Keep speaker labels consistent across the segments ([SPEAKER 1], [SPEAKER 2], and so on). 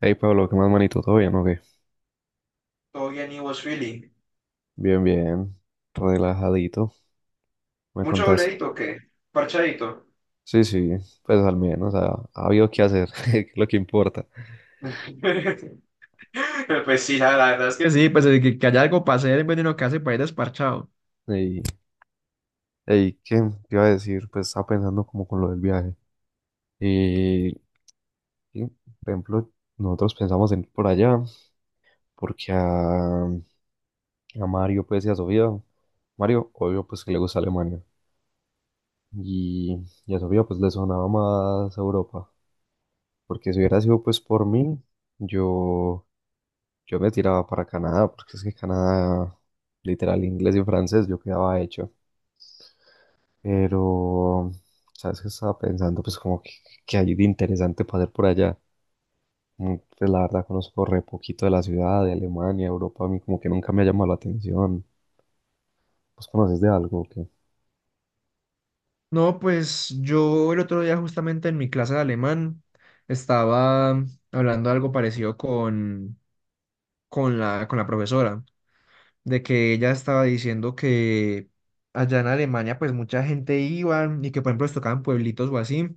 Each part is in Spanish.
[SPEAKER 1] Hey Pablo, ¿qué más manito? ¿Todo bien o qué?
[SPEAKER 2] Todo bien, y vos, Philly.
[SPEAKER 1] Bien, bien, relajadito, ¿me
[SPEAKER 2] Mucho
[SPEAKER 1] contás?
[SPEAKER 2] dobledito, o ¿qué? Parchadito.
[SPEAKER 1] Sí, sí, pues al menos ha habido que hacer, que es lo que importa.
[SPEAKER 2] Pues sí, la verdad es que sí, pues que haya algo para hacer en vez de uno que hace para ir desparchado.
[SPEAKER 1] Y, hey, ¿qué te iba a decir? Pues estaba pensando como con lo del viaje. Y, por ejemplo, nosotros pensamos en ir por allá, porque a Mario, pues, y a Sofía, Mario, obvio, pues, que le gusta Alemania. Y, y a Sofía, pues, le sonaba más Europa, porque si hubiera sido, pues, por mí, yo... Yo me tiraba para Canadá, porque es que Canadá, literal, inglés y francés, yo quedaba hecho. Pero, ¿sabes qué estaba pensando? Pues como que hay de interesante para hacer por allá. Mm, pues la verdad conozco re poquito de la ciudad, de Alemania, Europa, a mí como que nunca me ha llamado la atención. ¿Vos conoces de algo o qué?
[SPEAKER 2] No, pues yo el otro día justamente en mi clase de alemán estaba hablando algo parecido con con la profesora, de que ella estaba diciendo que allá en Alemania pues mucha gente iba y que por ejemplo les tocaban pueblitos o así.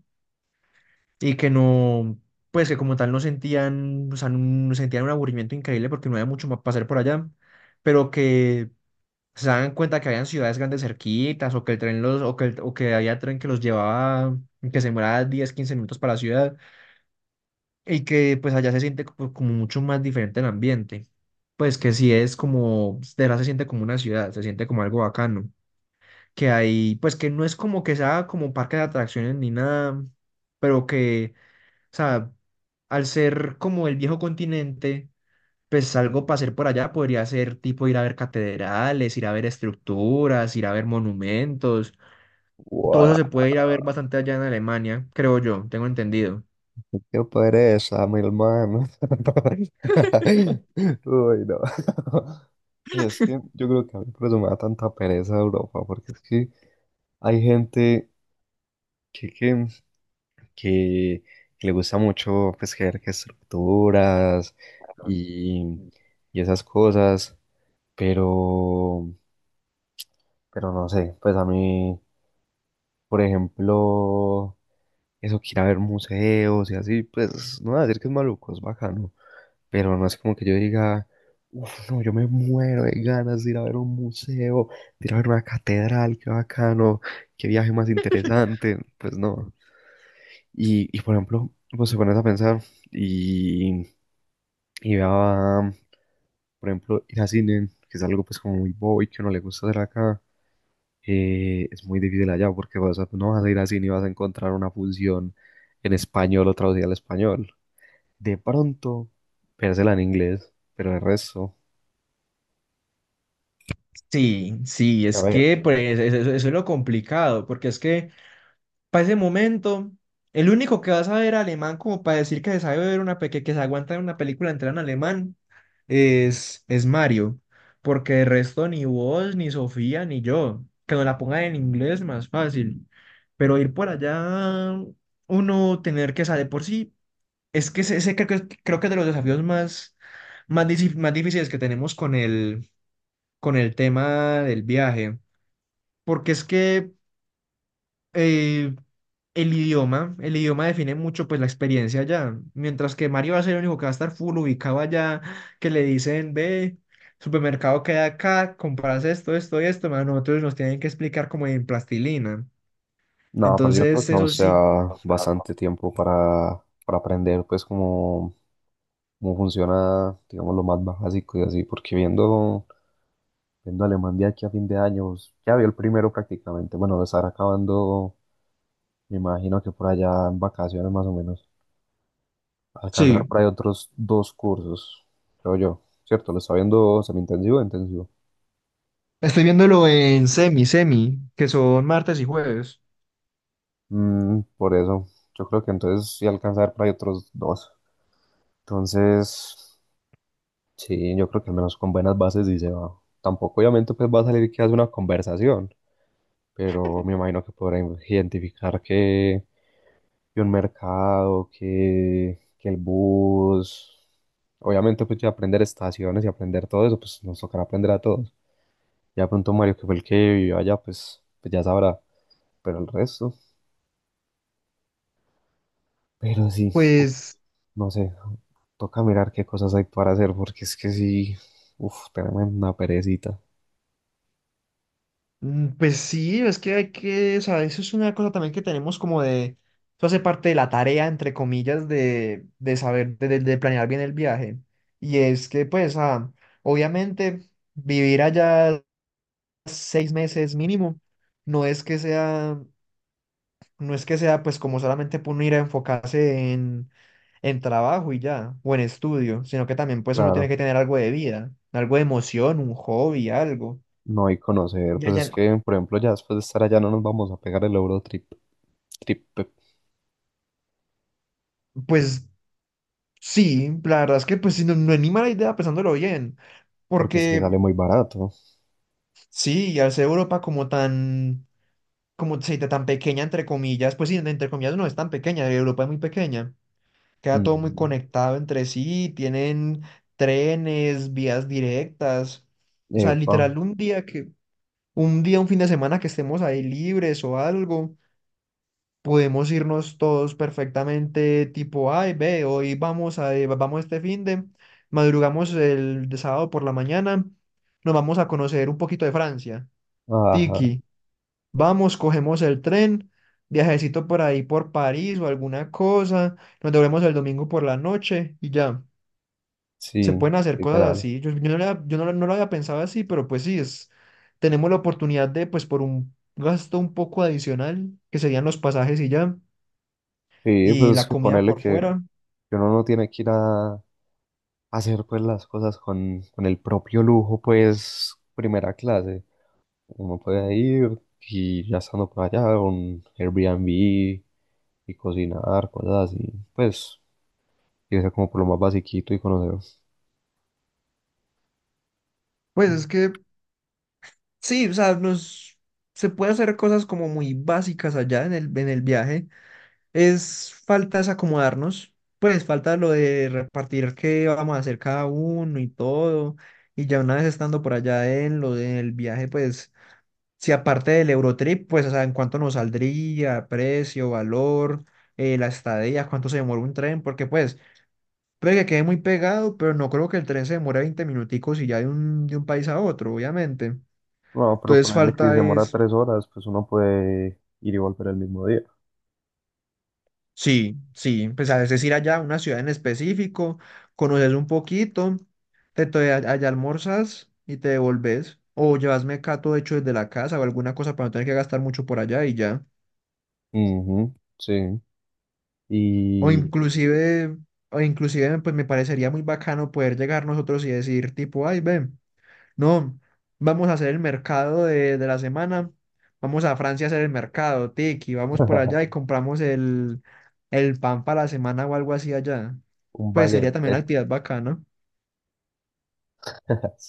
[SPEAKER 2] Y que no, pues que como tal no sentían, o sea, no sentían un aburrimiento increíble porque no había mucho más para hacer por allá, pero que se daban cuenta que habían ciudades grandes cerquitas o que había tren que los llevaba, que se demoraba 10 15 minutos para la ciudad y que pues allá se siente como mucho más diferente el ambiente. Pues que sí es como, de verdad se siente como una ciudad, se siente como algo bacano. Que hay, pues que no es como que sea como parque de atracciones ni nada, pero que, o sea, al ser como el viejo continente, pues algo para hacer por allá podría ser tipo ir a ver catedrales, ir a ver estructuras, ir a ver monumentos. Todo eso
[SPEAKER 1] ¡Guau!
[SPEAKER 2] se puede ir a ver bastante allá en Alemania, creo yo, tengo entendido.
[SPEAKER 1] ¡Qué pereza, mi hermano! Uy, no. Pues es que yo creo que a mí por eso me da tanta pereza Europa, porque es que hay gente que, que, que le gusta mucho pues crear que estructuras y, y esas cosas, pero, pero no sé, pues a mí, por ejemplo, eso que ir a ver museos y así, pues no voy a decir que es maluco, es bacano, pero no es como que yo diga, uff, no, yo me muero de ganas de ir a ver un museo, de ir a ver una catedral, qué bacano, qué viaje más interesante, pues no. Por ejemplo, pues se pones a pensar y, y vea, por ejemplo, ir a cine, que es algo pues como muy bobo y que no le gusta hacer acá, es muy difícil allá porque vas a, no vas a ir a cine y vas a encontrar una función en español o traducida al español. De pronto, véasela en inglés, pero el resto,
[SPEAKER 2] Sí, sí,
[SPEAKER 1] a
[SPEAKER 2] es
[SPEAKER 1] ver,
[SPEAKER 2] que pues, eso es lo complicado, porque es que para ese momento, el único que va a saber alemán como para decir que se sabe ver una que se aguanta ver una película entera en alemán es Mario, porque de resto ni vos, ni Sofía, ni yo, que nos la pongan en inglés más fácil, pero ir por allá, uno tener que saber por sí, es que ese creo que es de los desafíos más, más difíciles que tenemos con con el tema del viaje, porque es que eh, el idioma define mucho pues la experiencia allá, mientras que Mario va a ser el único que va a estar full ubicado allá, que le dicen, ve, supermercado queda acá, compras esto, esto y esto, más nosotros nos tienen que explicar como en plastilina.
[SPEAKER 1] no, pero yo creo
[SPEAKER 2] Entonces,
[SPEAKER 1] que aún
[SPEAKER 2] eso sí.
[SPEAKER 1] sea bastante tiempo para aprender pues como cómo funciona, digamos, lo más básico y así, porque viendo Alemán de aquí a fin de año, pues, ya vio el primero prácticamente. Bueno, lo estará acabando, me imagino que por allá en vacaciones más o menos. Alcanzar
[SPEAKER 2] Sí,
[SPEAKER 1] por ahí otros dos cursos, creo yo. Cierto, lo está viendo semi-intensivo e intensivo.
[SPEAKER 2] estoy viéndolo en semi, que son martes y jueves.
[SPEAKER 1] Mm, por eso, yo creo que entonces sí alcanzar por ahí otros dos. Entonces, sí, yo creo que al menos con buenas bases sí se va. Tampoco obviamente pues va a salir que hace una conversación, pero me imagino que podrá identificar que un mercado, que el bus. Obviamente, pues ya aprender estaciones y aprender todo eso, pues nos tocará aprender a todos. Ya pronto Mario, que fue el que vivió allá, pues ya sabrá, pero el resto, pero sí, uf,
[SPEAKER 2] Pues,
[SPEAKER 1] no sé, toca mirar qué cosas hay para hacer, porque es que sí, uff, tenemos una perecita.
[SPEAKER 2] mm, pues sí, es que hay que, o sea, eso es una cosa también que tenemos como de, eso hace parte de la tarea, entre comillas, de saber, de planear bien el viaje. Y es que, pues, ah, obviamente, vivir allá 6 meses mínimo, no es que sea, no es que sea, pues, como solamente por uno ir a enfocarse en trabajo y ya, o en estudio, sino que también, pues, uno tiene
[SPEAKER 1] Claro,
[SPEAKER 2] que tener algo de vida, algo de emoción, un hobby, algo.
[SPEAKER 1] no hay conocer,
[SPEAKER 2] Ya,
[SPEAKER 1] pues es
[SPEAKER 2] ya,
[SPEAKER 1] que, por ejemplo, ya después de estar allá no nos vamos a pegar el Eurotrip, trip,
[SPEAKER 2] pues sí, la verdad es que pues sí, no, no anima la idea pensándolo bien,
[SPEAKER 1] porque es que
[SPEAKER 2] porque
[SPEAKER 1] sale muy barato.
[SPEAKER 2] sí, al ser Europa como tan, como se dice, tan pequeña entre comillas, pues sí, entre comillas no es tan pequeña, Europa es muy pequeña, queda todo muy
[SPEAKER 1] Mm,
[SPEAKER 2] conectado entre sí, tienen trenes, vías directas, o sea,
[SPEAKER 1] epa,
[SPEAKER 2] literal un día, un fin de semana que estemos ahí libres o algo, podemos irnos todos perfectamente, tipo, ay, ve, vamos madrugamos el de sábado por la mañana, nos vamos a conocer un poquito de Francia.
[SPEAKER 1] ajá,
[SPEAKER 2] Tiki, vamos, cogemos el tren, viajecito por ahí por París o alguna cosa, nos devolvemos el domingo por la noche y ya. Se
[SPEAKER 1] sí,
[SPEAKER 2] pueden hacer cosas
[SPEAKER 1] literal.
[SPEAKER 2] así. Yo no lo había pensado así, pero pues sí, es, tenemos la oportunidad de, pues por un gasto un poco adicional, que serían los pasajes y ya
[SPEAKER 1] Sí,
[SPEAKER 2] y
[SPEAKER 1] pues es
[SPEAKER 2] la
[SPEAKER 1] que
[SPEAKER 2] comida por fuera.
[SPEAKER 1] que uno no tiene que ir a hacer pues las cosas con el propio lujo, pues primera clase. Uno puede ir y ya estando por allá, un Airbnb y cocinar, cosas así. Pues irse como por lo más basiquito y conocer.
[SPEAKER 2] Pues es que sí, o sea, nos, se puede hacer cosas como muy básicas allá en en el viaje. Es falta es acomodarnos, pues falta lo de repartir qué vamos a hacer cada uno y todo. Y ya una vez estando por allá en lo del viaje, pues si aparte del Eurotrip, pues o sea, en cuánto nos saldría, precio, valor, la estadía, cuánto se demora un tren, porque pues... Puede que quede muy pegado, pero no creo que el tren se demore 20 minuticos y ya de un país a otro, obviamente.
[SPEAKER 1] No, pero
[SPEAKER 2] Entonces
[SPEAKER 1] ponerle que se
[SPEAKER 2] falta
[SPEAKER 1] demora
[SPEAKER 2] es,
[SPEAKER 1] 3 horas, pues uno puede ir y volver el mismo día.
[SPEAKER 2] sí, sí, pues a veces ir allá a una ciudad en específico, conoces un poquito, allá almorzas y te devolves, o llevas mecato hecho desde la casa o alguna cosa para no tener que gastar mucho por allá y ya.
[SPEAKER 1] Ujú, sí.
[SPEAKER 2] O
[SPEAKER 1] Y
[SPEAKER 2] inclusive, o inclusive, pues me parecería muy bacano poder llegar nosotros y decir tipo, ay, ven. No, vamos a hacer el mercado de la semana. Vamos a Francia a hacer el mercado, Tiki. Vamos por allá y compramos el pan para la semana o algo así allá.
[SPEAKER 1] un
[SPEAKER 2] Pues sería también una
[SPEAKER 1] baguette
[SPEAKER 2] actividad bacana.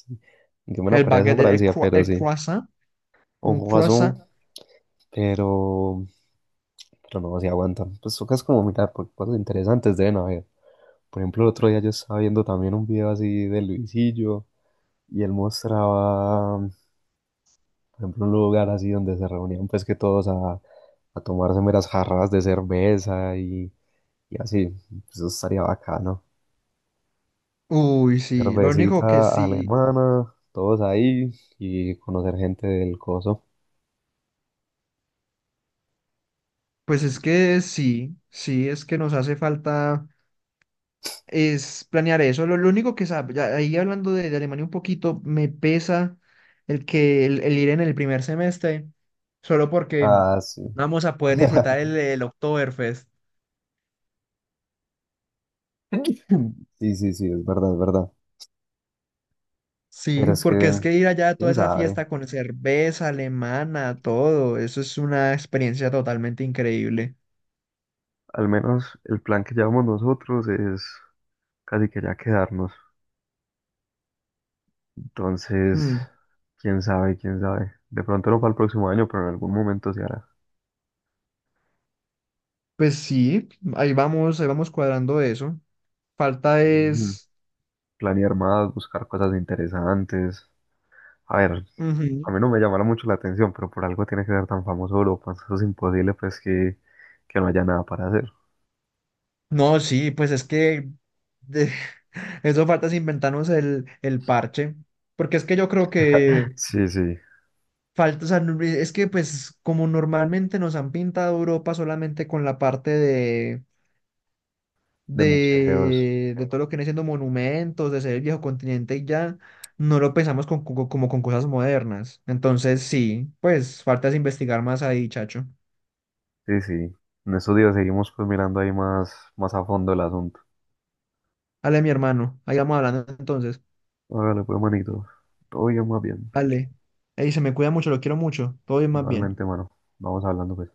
[SPEAKER 1] yo me lo
[SPEAKER 2] El
[SPEAKER 1] parece a
[SPEAKER 2] baguette,
[SPEAKER 1] Francia, pero
[SPEAKER 2] el
[SPEAKER 1] sí.
[SPEAKER 2] croissant,
[SPEAKER 1] Un
[SPEAKER 2] un
[SPEAKER 1] jugazo,
[SPEAKER 2] croissant.
[SPEAKER 1] pero, pero no se aguantan. Pues tocas como mirar, porque cosas interesantes deben haber. Por ejemplo, el otro día yo estaba viendo también un video así de Luisillo y él mostraba, por ejemplo, un lugar así donde se reunían pues que todos a tomarse meras jarras de cerveza y así. Pues, eso estaría bacano.
[SPEAKER 2] Uy, sí. Lo único que
[SPEAKER 1] Cervecita
[SPEAKER 2] sí,
[SPEAKER 1] alemana, todos ahí y conocer gente del coso.
[SPEAKER 2] pues es que sí, sí, es que nos hace falta, es planear eso. Lo único que sabe, ya ahí hablando de Alemania un poquito, me pesa el que el ir en el primer semestre, solo porque no
[SPEAKER 1] Ah, sí.
[SPEAKER 2] vamos a poder disfrutar el Oktoberfest.
[SPEAKER 1] Sí, sí, sí, es verdad, es verdad. Pero
[SPEAKER 2] Sí,
[SPEAKER 1] es
[SPEAKER 2] porque es
[SPEAKER 1] que,
[SPEAKER 2] que ir allá a toda
[SPEAKER 1] quién
[SPEAKER 2] esa
[SPEAKER 1] sabe.
[SPEAKER 2] fiesta con cerveza alemana, todo, eso es una experiencia totalmente increíble.
[SPEAKER 1] Al menos el plan que llevamos nosotros es casi que ya quedarnos. Entonces,
[SPEAKER 2] Mm,
[SPEAKER 1] quién sabe, quién sabe. De pronto no para el próximo año, pero en algún momento se hará.
[SPEAKER 2] pues sí, ahí vamos cuadrando eso. Falta
[SPEAKER 1] Mm,
[SPEAKER 2] es...
[SPEAKER 1] planear más, buscar cosas interesantes. A ver,
[SPEAKER 2] Ujú.
[SPEAKER 1] a mí no me llamará mucho la atención, pero por algo tiene que ser tan famoso Europa. Eso es imposible, pues, que no haya nada para hacer.
[SPEAKER 2] No, sí, pues es que de- eso falta es inventarnos el parche, porque es que yo creo que
[SPEAKER 1] Sí, sí,
[SPEAKER 2] falta, o sea, no- es que pues como normalmente nos han pintado Europa solamente con la parte
[SPEAKER 1] de museos.
[SPEAKER 2] de todo lo que viene siendo monumentos, de ser el viejo continente y ya, no lo pensamos como con cosas modernas. Entonces sí, pues falta es investigar más ahí, chacho.
[SPEAKER 1] Sí, sí. En estos días seguimos pues mirando ahí más, más a fondo el asunto.
[SPEAKER 2] Ale, mi hermano, ahí vamos hablando entonces.
[SPEAKER 1] Hágale pues, manito. Todo bien, más bien.
[SPEAKER 2] Ale, ahí se me cuida mucho, lo quiero mucho, todo bien más bien.
[SPEAKER 1] Igualmente, mano. Vamos hablando, pues.